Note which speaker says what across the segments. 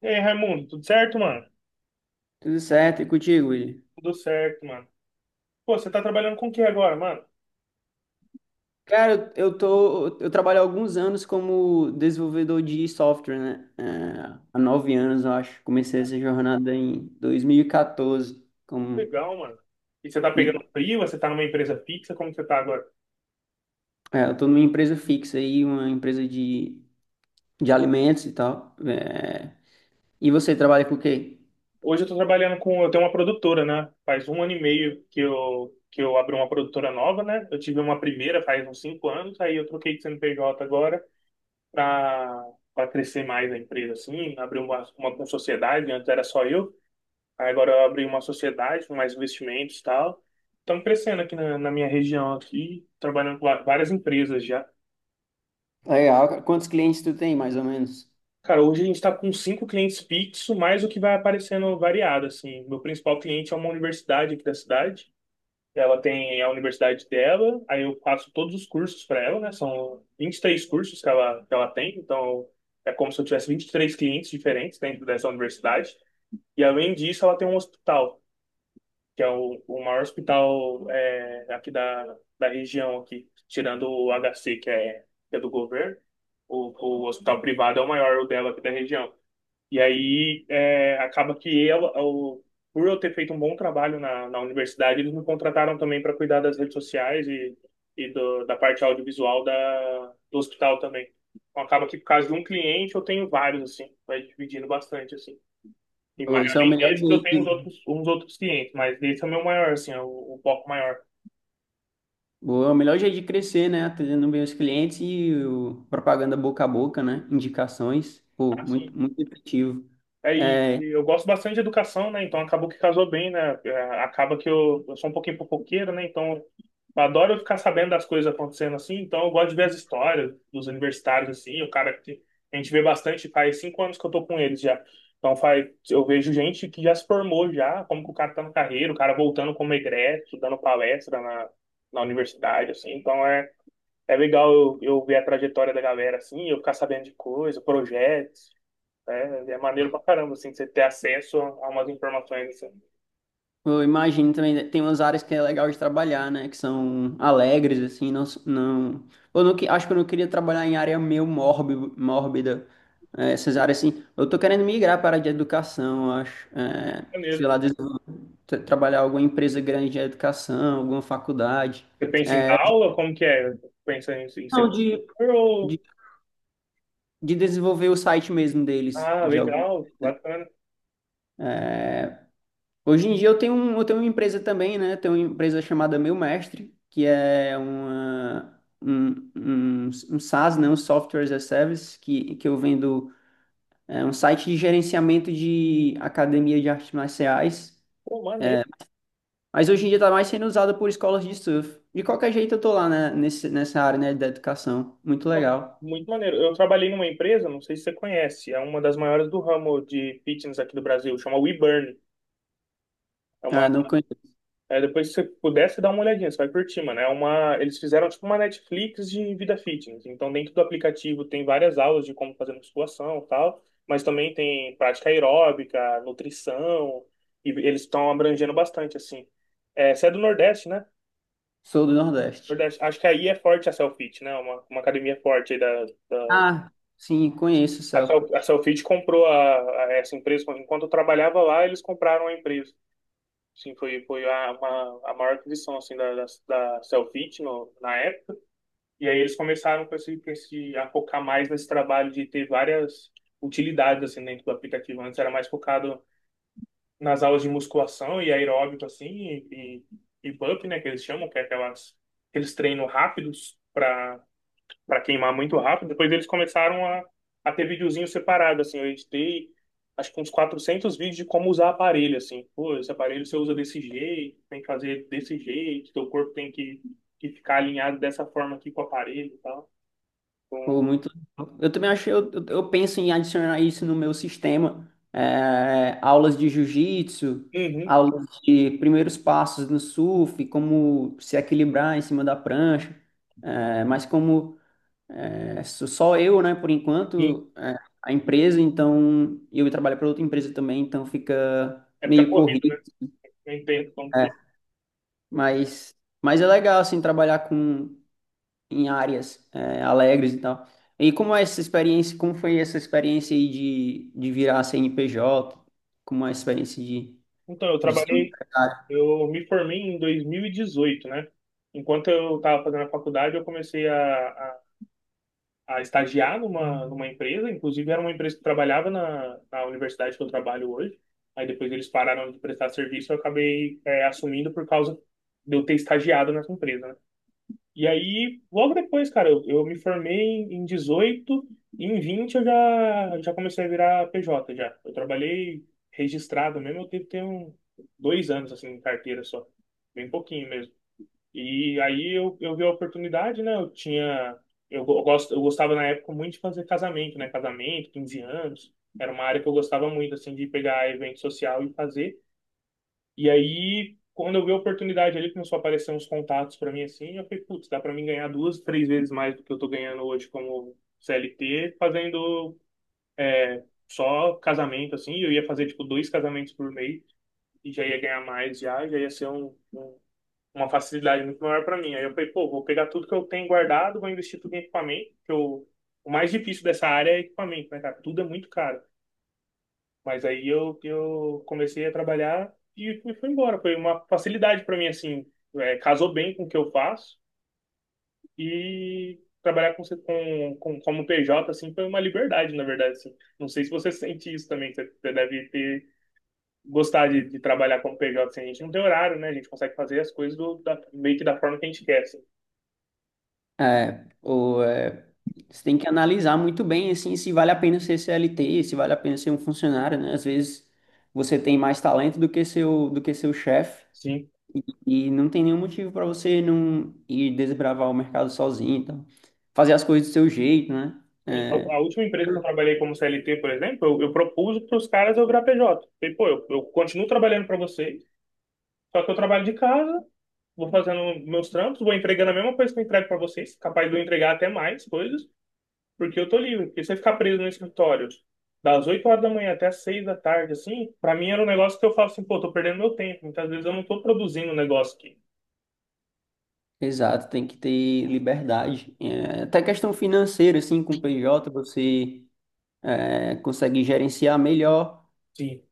Speaker 1: E aí, Raimundo, tudo certo, mano?
Speaker 2: Tudo certo, e contigo, Willi?
Speaker 1: Tudo certo, mano. Pô, você tá trabalhando com o que agora, mano?
Speaker 2: Cara, eu trabalho há alguns anos como desenvolvedor de software, né? Há nove anos, eu acho. Comecei essa jornada em 2014.
Speaker 1: Legal, mano. E você tá pegando
Speaker 2: E,
Speaker 1: freela? Você tá numa empresa fixa? Como que você tá agora?
Speaker 2: eu tô numa empresa fixa aí, uma empresa de alimentos e tal. É, e você trabalha com o quê?
Speaker 1: Hoje eu tô trabalhando com, eu tenho uma produtora, né? Faz um ano e meio que eu abri uma produtora nova, né? Eu tive uma primeira faz uns 5 anos, aí eu troquei de CNPJ agora pra, pra crescer mais a empresa, assim, abrir uma sociedade, antes era só eu. Aí agora eu abri uma sociedade com mais investimentos e tal. Estamos crescendo aqui na minha região aqui, trabalhando com várias empresas já.
Speaker 2: Legal, cara. Quantos clientes tu tem, mais ou menos?
Speaker 1: Cara, hoje a gente está com cinco clientes fixos, mais o que vai aparecendo variado, assim. Meu principal cliente é uma universidade aqui da cidade. Ela tem a universidade dela, aí eu faço todos os cursos para ela, né? São 23 cursos que ela tem, então é como se eu tivesse 23 clientes diferentes dentro dessa universidade. E além disso, ela tem um hospital, que é o maior hospital, é, aqui da região aqui, tirando o HC, que é do governo, o, o hospital privado é o maior, o dela aqui da região. E aí é, acaba que por eu ter feito um bom trabalho na universidade, eles me contrataram também para cuidar das redes sociais e da parte audiovisual do hospital também. Então acaba que por causa de um cliente eu tenho vários, assim, vai dividindo bastante, assim. E
Speaker 2: Ô, isso é o
Speaker 1: além
Speaker 2: melhor
Speaker 1: desse, eu tenho
Speaker 2: jeito.
Speaker 1: uns outros clientes, mas esse é o meu maior, assim, é o foco maior.
Speaker 2: Boa, é o melhor jeito de crescer, né? Atendendo bem os clientes e propaganda boca a boca, né? Indicações. Pô,
Speaker 1: Assim,
Speaker 2: muito, muito efetivo.
Speaker 1: aí
Speaker 2: É,
Speaker 1: eu gosto bastante de educação, né? Então acabou que casou bem, né? É, acaba que eu sou um pouquinho fofoqueiro, né? Então eu adoro ficar sabendo das coisas acontecendo assim. Então eu gosto de ver as histórias dos universitários, assim. O cara que a gente vê bastante, faz 5 anos que eu tô com eles já. Então faz, eu vejo gente que já se formou já, como que o cara tá no carreira, o cara voltando como egresso, dando palestra na universidade, assim. Então é, é legal eu ver a trajetória da galera, assim, eu ficar sabendo de coisa, projetos, né? É maneiro pra caramba, assim, você ter acesso a umas informações, assim.
Speaker 2: eu imagino também, né, tem umas áreas que é legal de trabalhar, né? Que são alegres, assim, eu não, acho que eu não queria trabalhar em área meio mórbida. É, essas áreas, assim. Eu tô querendo migrar para a área de educação, eu acho. É, sei
Speaker 1: Maneiro.
Speaker 2: lá, trabalhar em alguma empresa grande de educação, alguma faculdade.
Speaker 1: Você pensa em dar aula? Como que é? Pensa em
Speaker 2: Não,
Speaker 1: ser
Speaker 2: de.
Speaker 1: professor?
Speaker 2: De desenvolver o site mesmo deles.
Speaker 1: Ah,
Speaker 2: De algum.
Speaker 1: legal, bacana.
Speaker 2: Hoje em dia eu tenho, eu tenho uma empresa também, né? Eu tenho uma empresa chamada Meu Mestre, que é um SaaS, né? Um Software as a Service, que eu vendo é, um site de gerenciamento de academia de artes marciais.
Speaker 1: Pô, maneiro.
Speaker 2: Mas hoje em dia está mais sendo usado por escolas de surf. De qualquer jeito eu tô lá, né? Nessa área, né? Da educação. Muito
Speaker 1: Pô,
Speaker 2: legal.
Speaker 1: muito maneiro. Eu trabalhei numa empresa, não sei se você conhece, é uma das maiores do ramo de fitness aqui do Brasil, chama WeBurn.
Speaker 2: Ah, não conheço.
Speaker 1: Aí depois, se você pudesse dar uma olhadinha, você vai curtir, mano. Eles fizeram tipo uma Netflix de vida fitness. Então, dentro do aplicativo tem várias aulas de como fazer musculação e tal, mas também tem prática aeróbica, nutrição, e eles estão abrangendo bastante, assim. É, você é do Nordeste, né?
Speaker 2: Sou do Nordeste.
Speaker 1: Nordeste. Acho que aí é forte a Selfit, né? Uma academia forte aí da...
Speaker 2: Ah, sim, conheço o céu.
Speaker 1: A Selfit comprou a essa empresa. Enquanto eu trabalhava lá, eles compraram a empresa. Sim, foi a maior aquisição, assim, da Cellfit, no, na época. E aí eles começaram a focar mais nesse trabalho de ter várias utilidades assim, dentro do aplicativo. Antes era mais focado nas aulas de musculação e aeróbico, assim, e bump, né, que eles chamam, que é aquelas, aqueles treinos rápidos para queimar muito rápido. Depois eles começaram a ter videozinho separado, assim. Eu editei, acho que uns 400 vídeos de como usar aparelho, assim. Pô, esse aparelho você usa desse jeito, tem que fazer desse jeito, teu corpo tem que, ficar alinhado dessa forma aqui com o aparelho e tal.
Speaker 2: Pô,
Speaker 1: Então,
Speaker 2: muito. Eu também acho, eu penso em adicionar isso no meu sistema. É, aulas de jiu-jitsu,
Speaker 1: uhum,
Speaker 2: aulas de primeiros passos no surf, como se equilibrar em cima da prancha. É, mas como é, sou só eu, né, por
Speaker 1: sim,
Speaker 2: enquanto, é, a empresa, então eu trabalho para outra empresa também, então fica
Speaker 1: época
Speaker 2: meio
Speaker 1: corrida,
Speaker 2: corrido.
Speaker 1: né? Eu entendo como que
Speaker 2: Né.
Speaker 1: é.
Speaker 2: Mas, mas é legal assim trabalhar com em áreas é, alegres e tal. E como é essa experiência, como foi essa experiência aí de virar CNPJ, como é a experiência
Speaker 1: Então, eu
Speaker 2: de ser um
Speaker 1: trabalhei,
Speaker 2: empresário?
Speaker 1: eu me formei em 2018, né? Enquanto eu estava fazendo a faculdade, eu comecei a estagiar numa empresa, inclusive era uma empresa que trabalhava na universidade que eu trabalho hoje. Aí depois eles pararam de prestar serviço, eu acabei é, assumindo por causa de eu ter estagiado nessa empresa, né? E aí, logo depois, cara, eu me formei em 18, e em 20 eu já comecei a virar PJ já. Eu trabalhei registrado mesmo, eu devo ter um, dois anos assim, em carteira só. Bem pouquinho e aí eu vi a oportunidade, né? Eu tinha. Eu, go- eu gosto, eu gostava na época muito de fazer casamento, né? Casamento, 15 anos. Era uma área que eu gostava muito, assim, de pegar evento social e fazer. E aí, quando eu vi a oportunidade ali, começou a aparecer uns contatos para mim, assim. Eu falei, putz, dá para mim ganhar duas, três vezes mais do que eu tô ganhando hoje como CLT, fazendo é, só casamento, assim. Eu ia fazer, tipo, dois casamentos por mês e já ia ganhar mais, já, já ia ser um. Um uma facilidade muito maior para mim. Aí eu falei, pô, vou pegar tudo que eu tenho guardado, vou investir tudo em equipamento, que eu, o mais difícil dessa área é equipamento, né, cara? Tudo é muito caro. Mas aí eu comecei a trabalhar e fui embora. Foi uma facilidade para mim, assim, é, casou bem com o que eu faço e trabalhar como PJ, assim, foi uma liberdade, na verdade, assim. Não sei se você sente isso também, você deve ter gostar de, trabalhar como PJ, assim, a gente não tem horário, né? A gente consegue fazer as coisas meio que da forma que a gente quer, assim.
Speaker 2: É, você tem que analisar muito bem, assim, se vale a pena ser CLT, se vale a pena ser um funcionário, né? Às vezes você tem mais talento do que seu chefe
Speaker 1: Sim.
Speaker 2: e não tem nenhum motivo para você não ir desbravar o mercado sozinho, então fazer as coisas do seu jeito, né?
Speaker 1: Sim,
Speaker 2: É,
Speaker 1: a última empresa que eu trabalhei como CLT, por exemplo, eu propus para os caras eu virar PJ. Falei, pô, eu continuo trabalhando para vocês, só que eu trabalho de casa, vou fazendo meus trampos, vou entregando a mesma coisa que eu entrego para vocês, capaz de eu entregar até mais coisas, porque eu tô livre. Porque se eu ficar preso no escritório das 8 horas da manhã até as 6 da tarde, assim, para mim era um negócio que eu falo assim, pô, tô perdendo meu tempo. Muitas vezes eu não tô produzindo um negócio aqui.
Speaker 2: exato, tem que ter liberdade. É, até questão financeira, assim, com o PJ, você é, consegue gerenciar melhor
Speaker 1: Sim.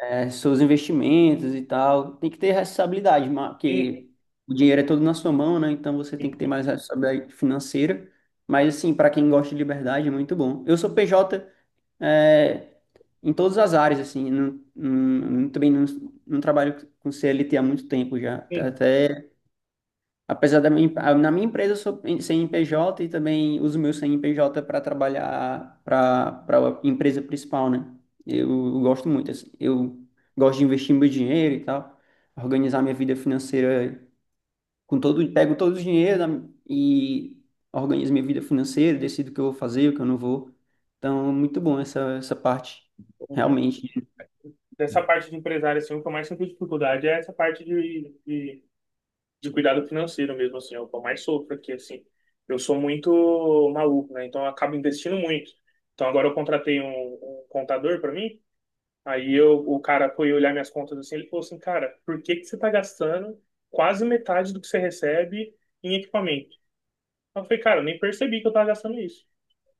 Speaker 2: é, seus investimentos e tal. Tem que ter responsabilidade,
Speaker 1: Uhum,
Speaker 2: porque o dinheiro é todo na sua mão, né? Então você tem que ter
Speaker 1: uhum,
Speaker 2: mais responsabilidade financeira. Mas, assim, para quem gosta de liberdade, é muito bom. Eu sou PJ é, em todas as áreas, assim. Não, não- não- também Não, não trabalho com CLT há muito tempo já. Até apesar da minha, na minha empresa eu sou sem P J e também uso meu sem P J para trabalhar para a empresa principal, né? Eu gosto muito, assim, eu gosto de investir meu dinheiro e tal, organizar minha vida financeira com todo, pego todo o dinheiro da, e organizo minha vida financeira, decido o que eu vou fazer, o que eu não vou. Então, muito bom essa parte,
Speaker 1: uhum.
Speaker 2: realmente.
Speaker 1: Dessa parte de empresário, assim, o que eu mais sinto dificuldade é essa parte de cuidado financeiro mesmo, assim, é o que eu mais sofro aqui, assim. Eu sou muito maluco, né? Então eu acabo investindo muito. Então agora eu contratei um contador para mim, aí eu, o cara foi olhar minhas contas assim, ele falou assim, cara, por que que você tá gastando quase metade do que você recebe em equipamento? Eu falei, cara, eu nem percebi que eu tava gastando isso.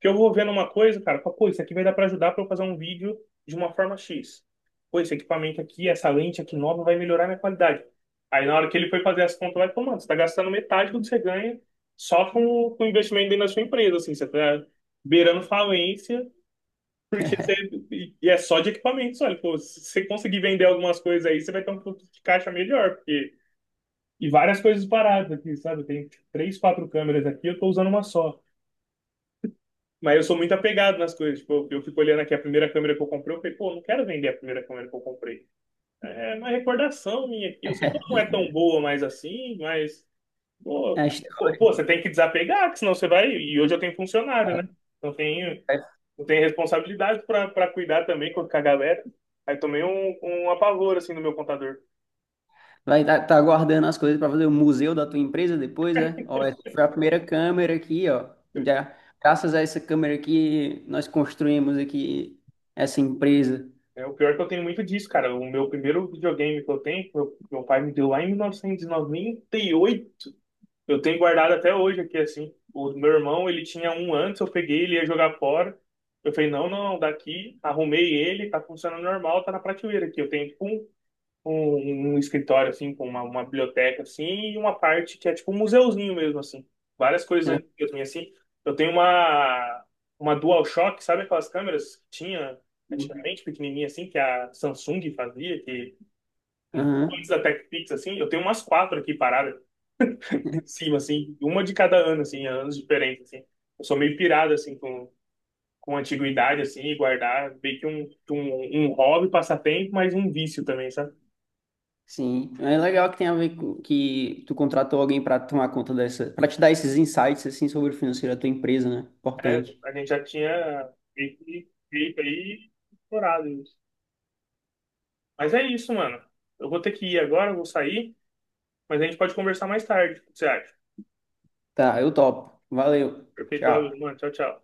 Speaker 1: Que eu vou vendo uma coisa, cara, eu falo, pô, isso aqui vai dar pra ajudar pra eu fazer um vídeo de uma forma X. Pô, esse equipamento aqui, essa lente aqui nova vai melhorar minha qualidade. Aí na hora que ele foi fazer as contas, vai, pô, mano, você tá gastando metade do que você ganha só com, investimento dentro da sua empresa, assim, você tá beirando falência, porque você. E é só de equipamentos, olha, pô, se você conseguir vender algumas coisas aí, você vai ter um fluxo de caixa melhor, porque. E várias coisas paradas aqui, sabe? Tem três, quatro câmeras aqui, eu tô usando uma só. Mas eu sou muito apegado nas coisas. Tipo, eu fico olhando aqui a primeira câmera que eu comprei. Eu falei, pô, não quero vender a primeira câmera que eu comprei. É uma recordação minha aqui. Eu sei que não é tão boa mais assim, mas.
Speaker 2: É
Speaker 1: Pô,
Speaker 2: a
Speaker 1: pô, você
Speaker 2: história.
Speaker 1: tem que desapegar, que senão você vai. E hoje eu tenho funcionário, né? Não tenho, não tenho responsabilidade pra cuidar também com a galera. Aí tomei um apavor, assim, no meu computador.
Speaker 2: Vai estar tá guardando as coisas para fazer o museu da tua empresa depois, é? Ó, essa foi a primeira câmera aqui, ó. Já, graças a essa câmera aqui, nós construímos aqui essa empresa.
Speaker 1: É, o pior é que eu tenho muito disso, cara. O meu primeiro videogame que eu tenho, meu pai me deu lá em 1998. Eu tenho guardado até hoje aqui, assim. O meu irmão, ele tinha um antes, eu peguei, ele ia jogar fora. Eu falei, não, não, daqui, arrumei ele, tá funcionando normal, tá na prateleira aqui. Eu tenho, tipo, um escritório, assim, com uma biblioteca, assim, e uma parte que é, tipo, um museuzinho mesmo, assim. Várias coisas antigas minhas, assim. Eu tenho uma DualShock, sabe aquelas câmeras que tinha antigamente, pequenininha, assim, que a Samsung fazia, que antes
Speaker 2: Aham.
Speaker 1: da TechPix, assim, eu tenho umas quatro aqui paradas de cima, assim, uma de cada ano, assim, anos diferentes, assim. Eu sou meio pirado, assim, com, antiguidade, assim, e guardar meio que um hobby, passatempo, mas um vício também, sabe?
Speaker 2: Sim, é legal que tem a ver com que tu contratou alguém para tomar conta dessa, para te dar esses insights assim sobre o financeiro da tua empresa, né?
Speaker 1: É,
Speaker 2: Importante.
Speaker 1: a gente já tinha meio que feito aí, explorado isso. Mas é isso, mano. Eu vou ter que ir agora, eu vou sair, mas a gente pode conversar mais tarde, o que você acha?
Speaker 2: Tá, eu topo. Valeu.
Speaker 1: Perfeito,
Speaker 2: Tchau.
Speaker 1: mano. Tchau, tchau.